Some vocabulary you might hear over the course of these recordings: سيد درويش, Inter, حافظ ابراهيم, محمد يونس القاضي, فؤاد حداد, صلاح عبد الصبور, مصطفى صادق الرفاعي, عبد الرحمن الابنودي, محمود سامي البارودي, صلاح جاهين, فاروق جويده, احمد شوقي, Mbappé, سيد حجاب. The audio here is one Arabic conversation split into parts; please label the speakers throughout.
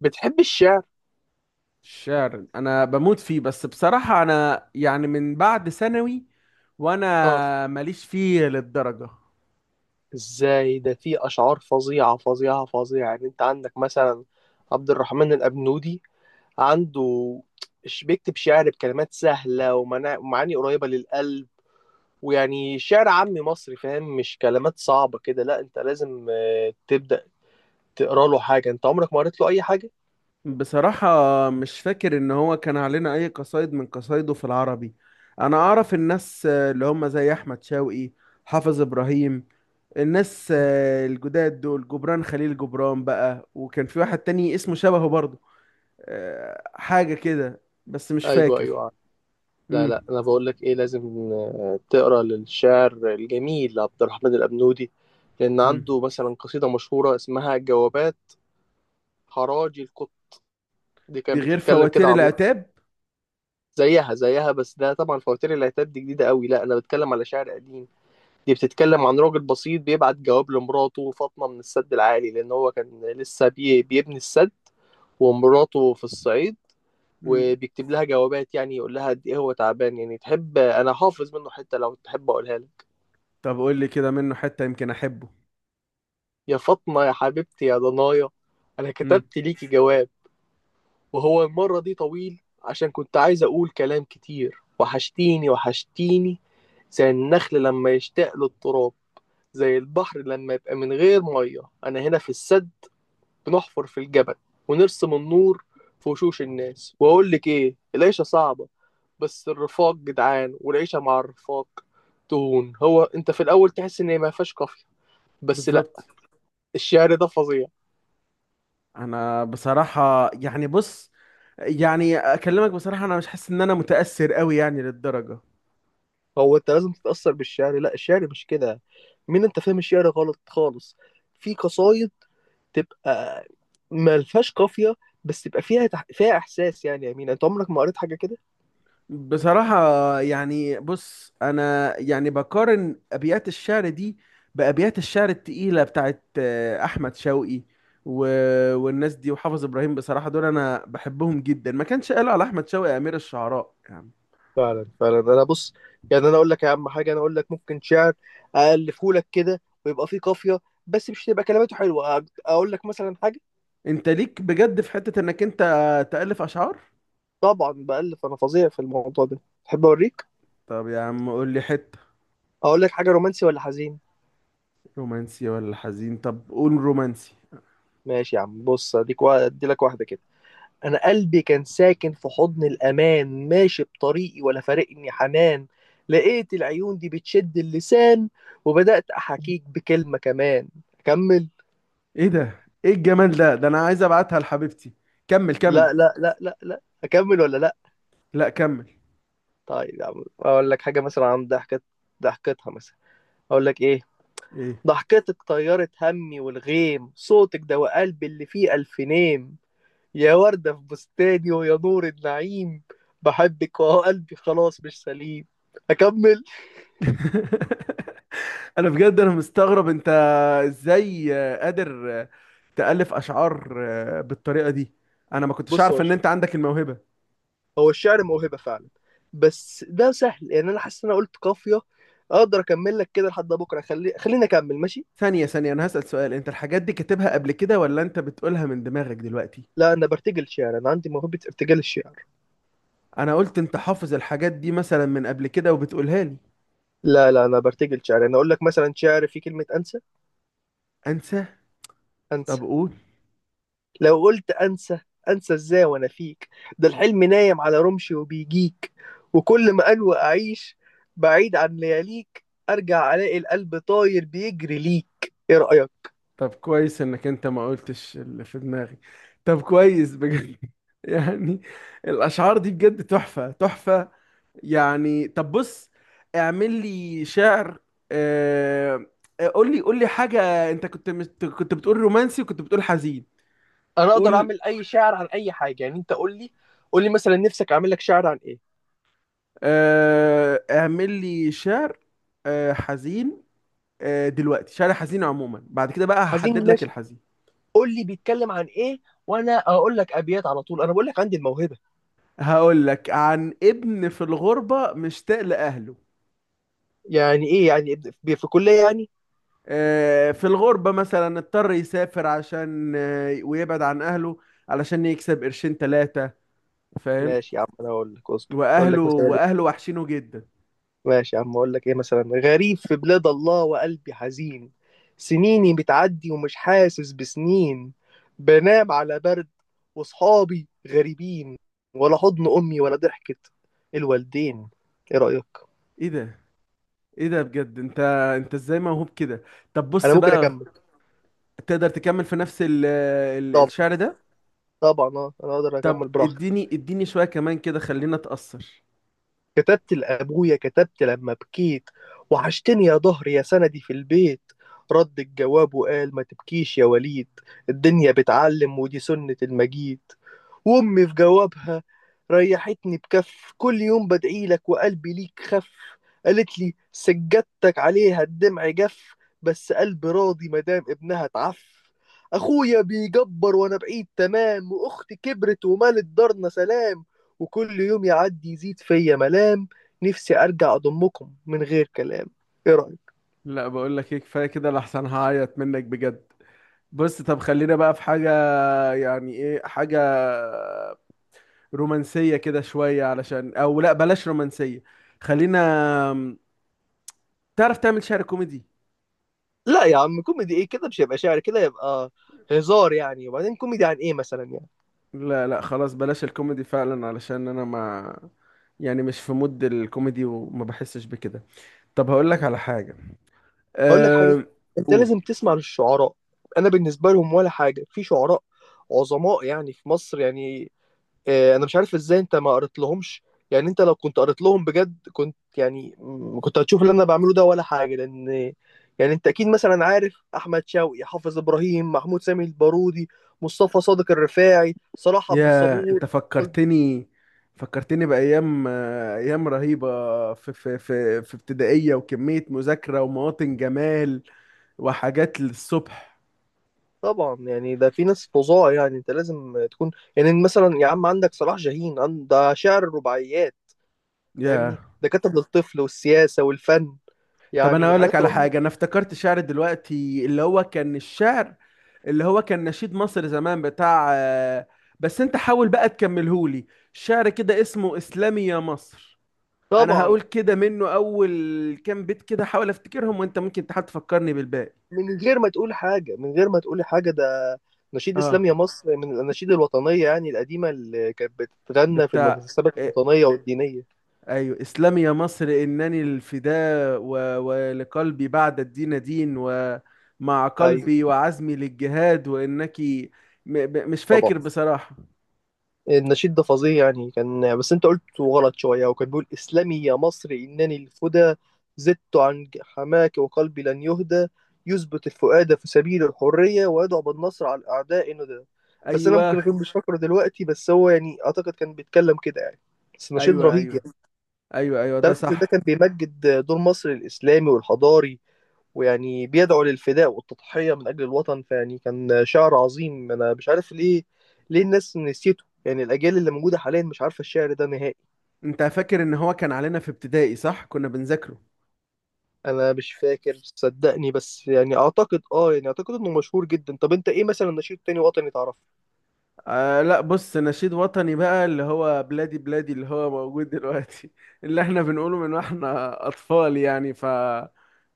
Speaker 1: بتحب الشعر؟
Speaker 2: الشعر انا بموت فيه، بس بصراحة انا يعني من بعد ثانوي
Speaker 1: اه.
Speaker 2: وانا ماليش فيه للدرجة.
Speaker 1: ازاي ده؟ في اشعار فظيعه فظيعه فظيعه، يعني انت عندك مثلا عبد الرحمن الابنودي. عنده بيكتب شعر بكلمات سهله ومعاني قريبه للقلب، ويعني شعر عامي مصري، فاهم؟ مش كلمات صعبه كده. لا انت لازم تبدا تقرا له حاجه. انت عمرك ما قريت له اي حاجه؟
Speaker 2: بصراحة مش فاكر ان هو كان علينا اي قصايد من قصايده في العربي. انا اعرف الناس اللي هم زي احمد شوقي، حافظ ابراهيم، الناس الجداد دول، جبران خليل جبران، بقى وكان في واحد تاني اسمه شبهه برضه، حاجة كده بس مش
Speaker 1: ايوه
Speaker 2: فاكر.
Speaker 1: ايوه. لا لا،
Speaker 2: امم
Speaker 1: انا بقول لك ايه، لازم تقرا للشاعر الجميل عبد الرحمن الابنودي، لان عنده مثلا قصيده مشهوره اسمها جوابات حراجي القط، دي
Speaker 2: دي
Speaker 1: كانت
Speaker 2: غير
Speaker 1: بتتكلم كده
Speaker 2: فواتير
Speaker 1: عميق.
Speaker 2: العتاب.
Speaker 1: زيها زيها، بس ده طبعا فواتير العتاب دي جديدة قوي، لا انا بتكلم على شعر قديم. دي بتتكلم عن راجل بسيط بيبعت جواب لمراته فاطمة من السد العالي، لان هو كان لسه بيبني السد، ومراته في الصعيد،
Speaker 2: مم.
Speaker 1: وبيكتب لها جوابات، يعني يقول لها قد ايه هو تعبان. يعني تحب؟ انا حافظ منه حتة، لو تحب اقولها لك.
Speaker 2: طب قول لي كده منه حتة يمكن احبه.
Speaker 1: يا فاطمة يا حبيبتي يا ضنايا، انا
Speaker 2: امم
Speaker 1: كتبت ليكي جواب، وهو المرة دي طويل، عشان كنت عايز أقول كلام كتير. وحشتيني وحشتيني، زي النخل لما يشتاق للتراب، زي البحر لما يبقى من غير مية. أنا هنا في السد بنحفر في الجبل، ونرسم النور في وشوش الناس. وأقول لك إيه؟ العيشة صعبة بس الرفاق جدعان، والعيشة مع الرفاق تهون. هو أنت في الأول تحس إن ما فيهاش قافية، بس لأ،
Speaker 2: بالظبط.
Speaker 1: الشعر ده فظيع.
Speaker 2: انا بصراحة يعني بص، يعني اكلمك بصراحة، انا مش حاسس ان انا متأثر قوي يعني للدرجة.
Speaker 1: هو انت لازم تتأثر بالشعر؟ لا، الشعر مش كده. مين انت؟ فاهم الشعر غلط خالص. في قصايد تبقى ملهاش قافية، بس تبقى فيها فيها احساس، يعني. يا مين، انت عمرك ما قريت حاجة كده؟
Speaker 2: بصراحة يعني بص، انا يعني بقارن ابيات الشعر دي بابيات الشعر التقيلة بتاعت احمد شوقي و... والناس دي وحافظ ابراهيم. بصراحة دول انا بحبهم جدا، ما كانش قالوا على احمد شوقي امير الشعراء يعني.
Speaker 1: فعلا فعلا. انا بص، يعني انا اقول لك يا عم حاجة، انا اقول لك ممكن شعر الفه لك كده ويبقى فيه قافية، بس مش تبقى كلماته حلوة. اقول لك مثلا حاجة.
Speaker 2: انت ليك بجد في حتة انك انت تألف اشعار؟
Speaker 1: طبعا بألف، انا فظيع في الموضوع ده، تحب اوريك؟
Speaker 2: طب يا عم قول لي حتة.
Speaker 1: اقول لك حاجة رومانسي ولا حزين؟
Speaker 2: رومانسي ولا حزين؟ طب قول رومانسي.
Speaker 1: ماشي يا عم، بص ادي لك واحدة كده. أنا قلبي كان ساكن في حضن الأمان، ماشي بطريقي ولا فارقني حنان. لقيت العيون دي بتشد اللسان، وبدأت أحاكيك بكلمة كمان. أكمل؟
Speaker 2: ايه ده؟ ايه الجمال ده؟ ده انا عايز ابعتها لحبيبتي، كمل كمل.
Speaker 1: لا لا لا لا لا، أكمل ولا لا؟
Speaker 2: لا كمل.
Speaker 1: طيب يا عم، أقول لك حاجة مثلا عن ضحكة، ضحكتها مثلا. أقول لك إيه؟
Speaker 2: ايه؟
Speaker 1: ضحكتك طيرت همي والغيم، صوتك دواء قلبي اللي فيه ألف نيم. يا وردة في بستاني، ويا نور النعيم، بحبك وهو قلبي خلاص مش سليم. أكمل؟
Speaker 2: انا بجد انا مستغرب انت ازاي قادر تألف اشعار بالطريقة دي. انا ما كنتش
Speaker 1: بص يا
Speaker 2: اعرف ان
Speaker 1: باشا،
Speaker 2: انت عندك الموهبة.
Speaker 1: هو الشعر موهبة فعلا، بس ده سهل. يعني انا حاسس ان انا قلت قافية، اقدر اكمل لك كده لحد بكرة. خليني اكمل ماشي؟
Speaker 2: ثانية ثانية، انا هسأل سؤال: انت الحاجات دي كاتبها قبل كده ولا انت بتقولها من دماغك دلوقتي؟
Speaker 1: لا، انا برتجل شعر، انا عندي موهبة ارتجال الشعر.
Speaker 2: انا قلت انت حافظ الحاجات دي مثلا من قبل كده وبتقولها لي.
Speaker 1: لا لا، انا برتجل شعر. انا اقول لك مثلا شعر فيه كلمة انسى.
Speaker 2: انسى؟ طب
Speaker 1: انسى.
Speaker 2: قول.
Speaker 1: لو قلت انسى، انسى ازاي وانا فيك؟ ده الحلم نايم على رمشي وبيجيك، وكل ما انوى اعيش بعيد عن لياليك، ارجع الاقي القلب طاير بيجري ليك. ايه رأيك؟
Speaker 2: طب كويس انك انت ما قلتش اللي في دماغي. طب كويس بجد. يعني الاشعار دي بجد تحفة تحفة، يعني طب بص اعمل لي شعر. آه... قول لي قول لي حاجة، انت كنت كنت بتقول رومانسي وكنت بتقول حزين.
Speaker 1: انا اقدر
Speaker 2: قول.
Speaker 1: اعمل اي شعر عن اي حاجه، يعني انت قول لي. قول لي مثلا نفسك اعمل لك شعر عن ايه؟
Speaker 2: اعمل لي شعر حزين. دلوقتي شعر حزين عموما، بعد كده بقى
Speaker 1: عايزين،
Speaker 2: هحدد لك
Speaker 1: ماشي.
Speaker 2: الحزين.
Speaker 1: قول لي بيتكلم عن ايه، وانا اقول لك ابيات على طول، انا بقول لك عندي الموهبه.
Speaker 2: هقول لك عن ابن في الغربة مشتاق لأهله،
Speaker 1: يعني ايه يعني؟ في كليه يعني؟
Speaker 2: في الغربة مثلا اضطر يسافر عشان ويبعد عن أهله، علشان يكسب قرشين تلاتة، فاهم؟
Speaker 1: ماشي يا عم، انا اقول لك، اصبر. اقول
Speaker 2: وأهله
Speaker 1: لك مثلا إيه؟
Speaker 2: وأهله وحشينه جدا.
Speaker 1: ماشي يا عم، اقول لك ايه مثلا. غريب في بلاد الله وقلبي حزين، سنيني بتعدي ومش حاسس بسنين. بنام على برد وصحابي غريبين، ولا حضن امي ولا ضحكه الوالدين. ايه رايك؟
Speaker 2: إيه ده؟ إيه ده بجد؟ أنت أنت إزاي موهوب كده؟ طب
Speaker 1: انا
Speaker 2: بص
Speaker 1: ممكن
Speaker 2: بقى،
Speaker 1: اكمل.
Speaker 2: تقدر تكمل في نفس ال
Speaker 1: طبعا
Speaker 2: الشعر ده؟
Speaker 1: طبعا، اه انا اقدر
Speaker 2: طب
Speaker 1: اكمل براحتي.
Speaker 2: اديني اديني شوية كمان كده، خلينا أتأثر.
Speaker 1: كتبت لابويا، كتبت لما بكيت، وحشتني يا ضهري يا سندي في البيت. رد الجواب وقال ما تبكيش يا وليد، الدنيا بتعلم ودي سنة المجيد. وأمي في جوابها ريحتني بكف، كل يوم بدعي لك وقلبي ليك خف. قالت لي سجادتك عليها الدمع جف، بس قلبي راضي مدام ابنها اتعف. أخويا بيجبر وأنا بعيد تمام، وأختي كبرت ومالت دارنا سلام. وكل يوم يعدي يزيد فيا ملام، نفسي أرجع أضمكم من غير كلام. إيه رأيك؟
Speaker 2: لا بقول لك ايه، كفاية كده لحسن هعيط منك بجد. بص طب خلينا بقى في حاجة، يعني ايه حاجة رومانسية كده شوية، علشان او لا بلاش رومانسية. خلينا، تعرف تعمل شعر كوميدي؟
Speaker 1: لا يا عم، كوميدي ايه كده؟ مش هيبقى شعر، كده يبقى هزار يعني. وبعدين كوميدي عن ايه مثلا يعني؟
Speaker 2: لا لا خلاص بلاش الكوميدي فعلا، علشان انا ما يعني مش في مود الكوميدي وما بحسش بكده. طب هقول لك على حاجة.
Speaker 1: اقول لك حاجه،
Speaker 2: أه...
Speaker 1: انت
Speaker 2: قول.
Speaker 1: لازم تسمع للشعراء. انا بالنسبه لهم ولا حاجه. في شعراء عظماء يعني، في مصر يعني. انا مش عارف ازاي انت ما قريت لهمش. يعني انت لو كنت قريت لهم بجد، كنت يعني كنت هتشوف اللي انا بعمله ده ولا حاجه. لان يعني انت اكيد مثلا عارف احمد شوقي، حافظ ابراهيم، محمود سامي البارودي، مصطفى صادق الرفاعي، صلاح عبد
Speaker 2: يا انت
Speaker 1: الصبور كل-
Speaker 2: فكرتني، فكرتني بأيام، أيام رهيبة في ابتدائية وكمية مذاكرة ومواطن جمال وحاجات للصبح.
Speaker 1: طبعا يعني، ده في ناس فظاع. يعني انت لازم تكون، يعني مثلا يا عم عندك صلاح جاهين ده شاعر الرباعيات،
Speaker 2: يا
Speaker 1: فاهمني؟ دكاتره للطفل والسياسه والفن،
Speaker 2: طب انا
Speaker 1: يعني
Speaker 2: اقول لك
Speaker 1: حاجات
Speaker 2: على
Speaker 1: رهيبه.
Speaker 2: حاجه، انا افتكرت شعر دلوقتي اللي هو كان الشعر اللي هو كان نشيد مصر زمان بتاع بس انت حاول بقى تكملهولي. شعر كده اسمه اسلامي يا مصر، انا
Speaker 1: طبعا،
Speaker 2: هقول كده منه اول كام بيت كده، حاول افتكرهم وانت ممكن تحاول تفكرني بالباقي.
Speaker 1: من غير ما تقولي حاجه، ده نشيد
Speaker 2: اه،
Speaker 1: اسلام يا مصر، من الاناشيد الوطنيه يعني القديمه، اللي كانت بتتغنى في
Speaker 2: بتاع
Speaker 1: المناسبات
Speaker 2: إيه،
Speaker 1: الوطنيه والدينيه.
Speaker 2: ايوه، اسلامي يا مصر انني الفداء و... ولقلبي بعد الدين دين، ومع
Speaker 1: ايوه.
Speaker 2: قلبي وعزمي للجهاد وانك مش فاكر
Speaker 1: طبعا
Speaker 2: بصراحة.
Speaker 1: النشيد ده فظيع، يعني كان، بس انت قلت غلط شوية. وكان بيقول اسلمي يا مصر إنني الفدى، زدت عن حماك وقلبي لن يهدى. يثبت الفؤاد في سبيل الحرية، ويدعو بالنصر على الأعداء ندى. بس أنا
Speaker 2: ايوه
Speaker 1: ممكن أكون مش فاكره دلوقتي، بس هو يعني أعتقد كان بيتكلم كده يعني، بس نشيد
Speaker 2: ايوه.
Speaker 1: رهيب
Speaker 2: ايوه
Speaker 1: يعني.
Speaker 2: ايوه، ايوه ده
Speaker 1: تعرف إن ده كان
Speaker 2: صح.
Speaker 1: بيمجد دور مصر الإسلامي والحضاري، ويعني بيدعو للفداء والتضحية من أجل الوطن. فيعني كان شعر عظيم، أنا مش عارف ليه. ليه الناس نسيته يعني؟ الأجيال اللي موجودة حاليا مش عارفة الشعر ده نهائي.
Speaker 2: انت فاكر ان هو كان علينا في ابتدائي صح؟ كنا بنذاكره.
Speaker 1: أنا مش فاكر، صدقني، بس يعني أعتقد آه يعني أعتقد إنه مشهور جدا. طب أنت إيه مثلا، نشيد تاني وطني تعرفه؟
Speaker 2: آه لا بص، نشيد وطني بقى اللي هو بلادي بلادي اللي هو موجود دلوقتي، اللي احنا بنقوله من واحنا اطفال يعني، ف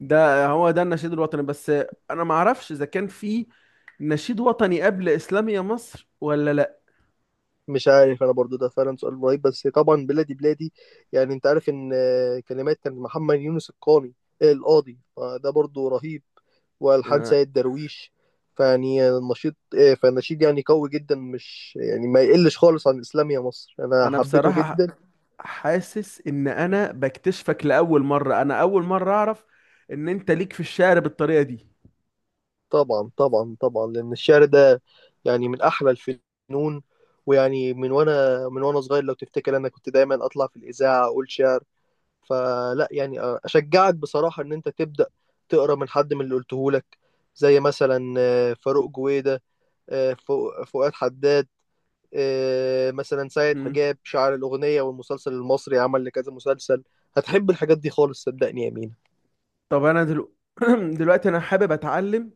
Speaker 2: ده هو ده النشيد الوطني بس. انا ما اعرفش اذا كان في نشيد وطني قبل اسلامية مصر ولا لا.
Speaker 1: مش عارف انا برضو، ده فعلا سؤال رهيب. بس طبعا بلادي بلادي، يعني انت عارف ان كلمات كان محمد يونس القاني آه، القاضي، فده برضو رهيب، والحان
Speaker 2: انا
Speaker 1: سيد درويش. فيعني النشيد آه، فالنشيد يعني قوي جدا، مش يعني ما يقلش خالص عن الاسلام يا مصر، انا
Speaker 2: أنا
Speaker 1: حبيته
Speaker 2: بصراحة
Speaker 1: جدا.
Speaker 2: حاسس ان انا بكتشفك لاول مرة، انا اول مرة اعرف ان انت ليك في الشعر بالطريقة دي.
Speaker 1: طبعا طبعا طبعا، لان الشعر ده يعني من احلى الفنون. ويعني من وانا صغير، لو تفتكر انا كنت دايما اطلع في الاذاعه اقول شعر. فلا يعني، اشجعك بصراحه ان انت تبدا تقرا من حد من اللي قلته لك، زي مثلا فاروق جويده، فؤاد حداد، مثلا سيد
Speaker 2: مم.
Speaker 1: حجاب، شاعر الاغنيه والمسلسل المصري، عمل لكذا مسلسل. هتحب الحاجات دي خالص، صدقني يا مينا.
Speaker 2: طب انا دلوقتي انا حابب اتعلم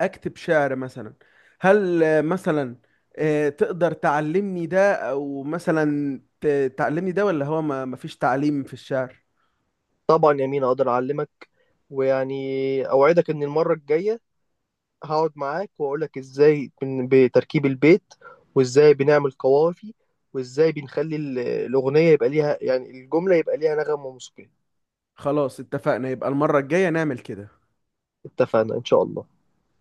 Speaker 2: اكتب شعر مثلا. هل مثلا تقدر تعلمني ده، او مثلا تعلمني ده، ولا هو ما فيش تعليم في الشعر؟
Speaker 1: طبعا يا مينا اقدر اعلمك، ويعني اوعدك ان المره الجايه هقعد معاك واقول لك ازاي بتركيب البيت، وازاي بنعمل قوافي، وازاي بنخلي الاغنيه يبقى ليها، يعني الجمله يبقى ليها نغم وموسيقى.
Speaker 2: خلاص اتفقنا، يبقى المرة الجاية نعمل كده.
Speaker 1: اتفقنا ان شاء الله.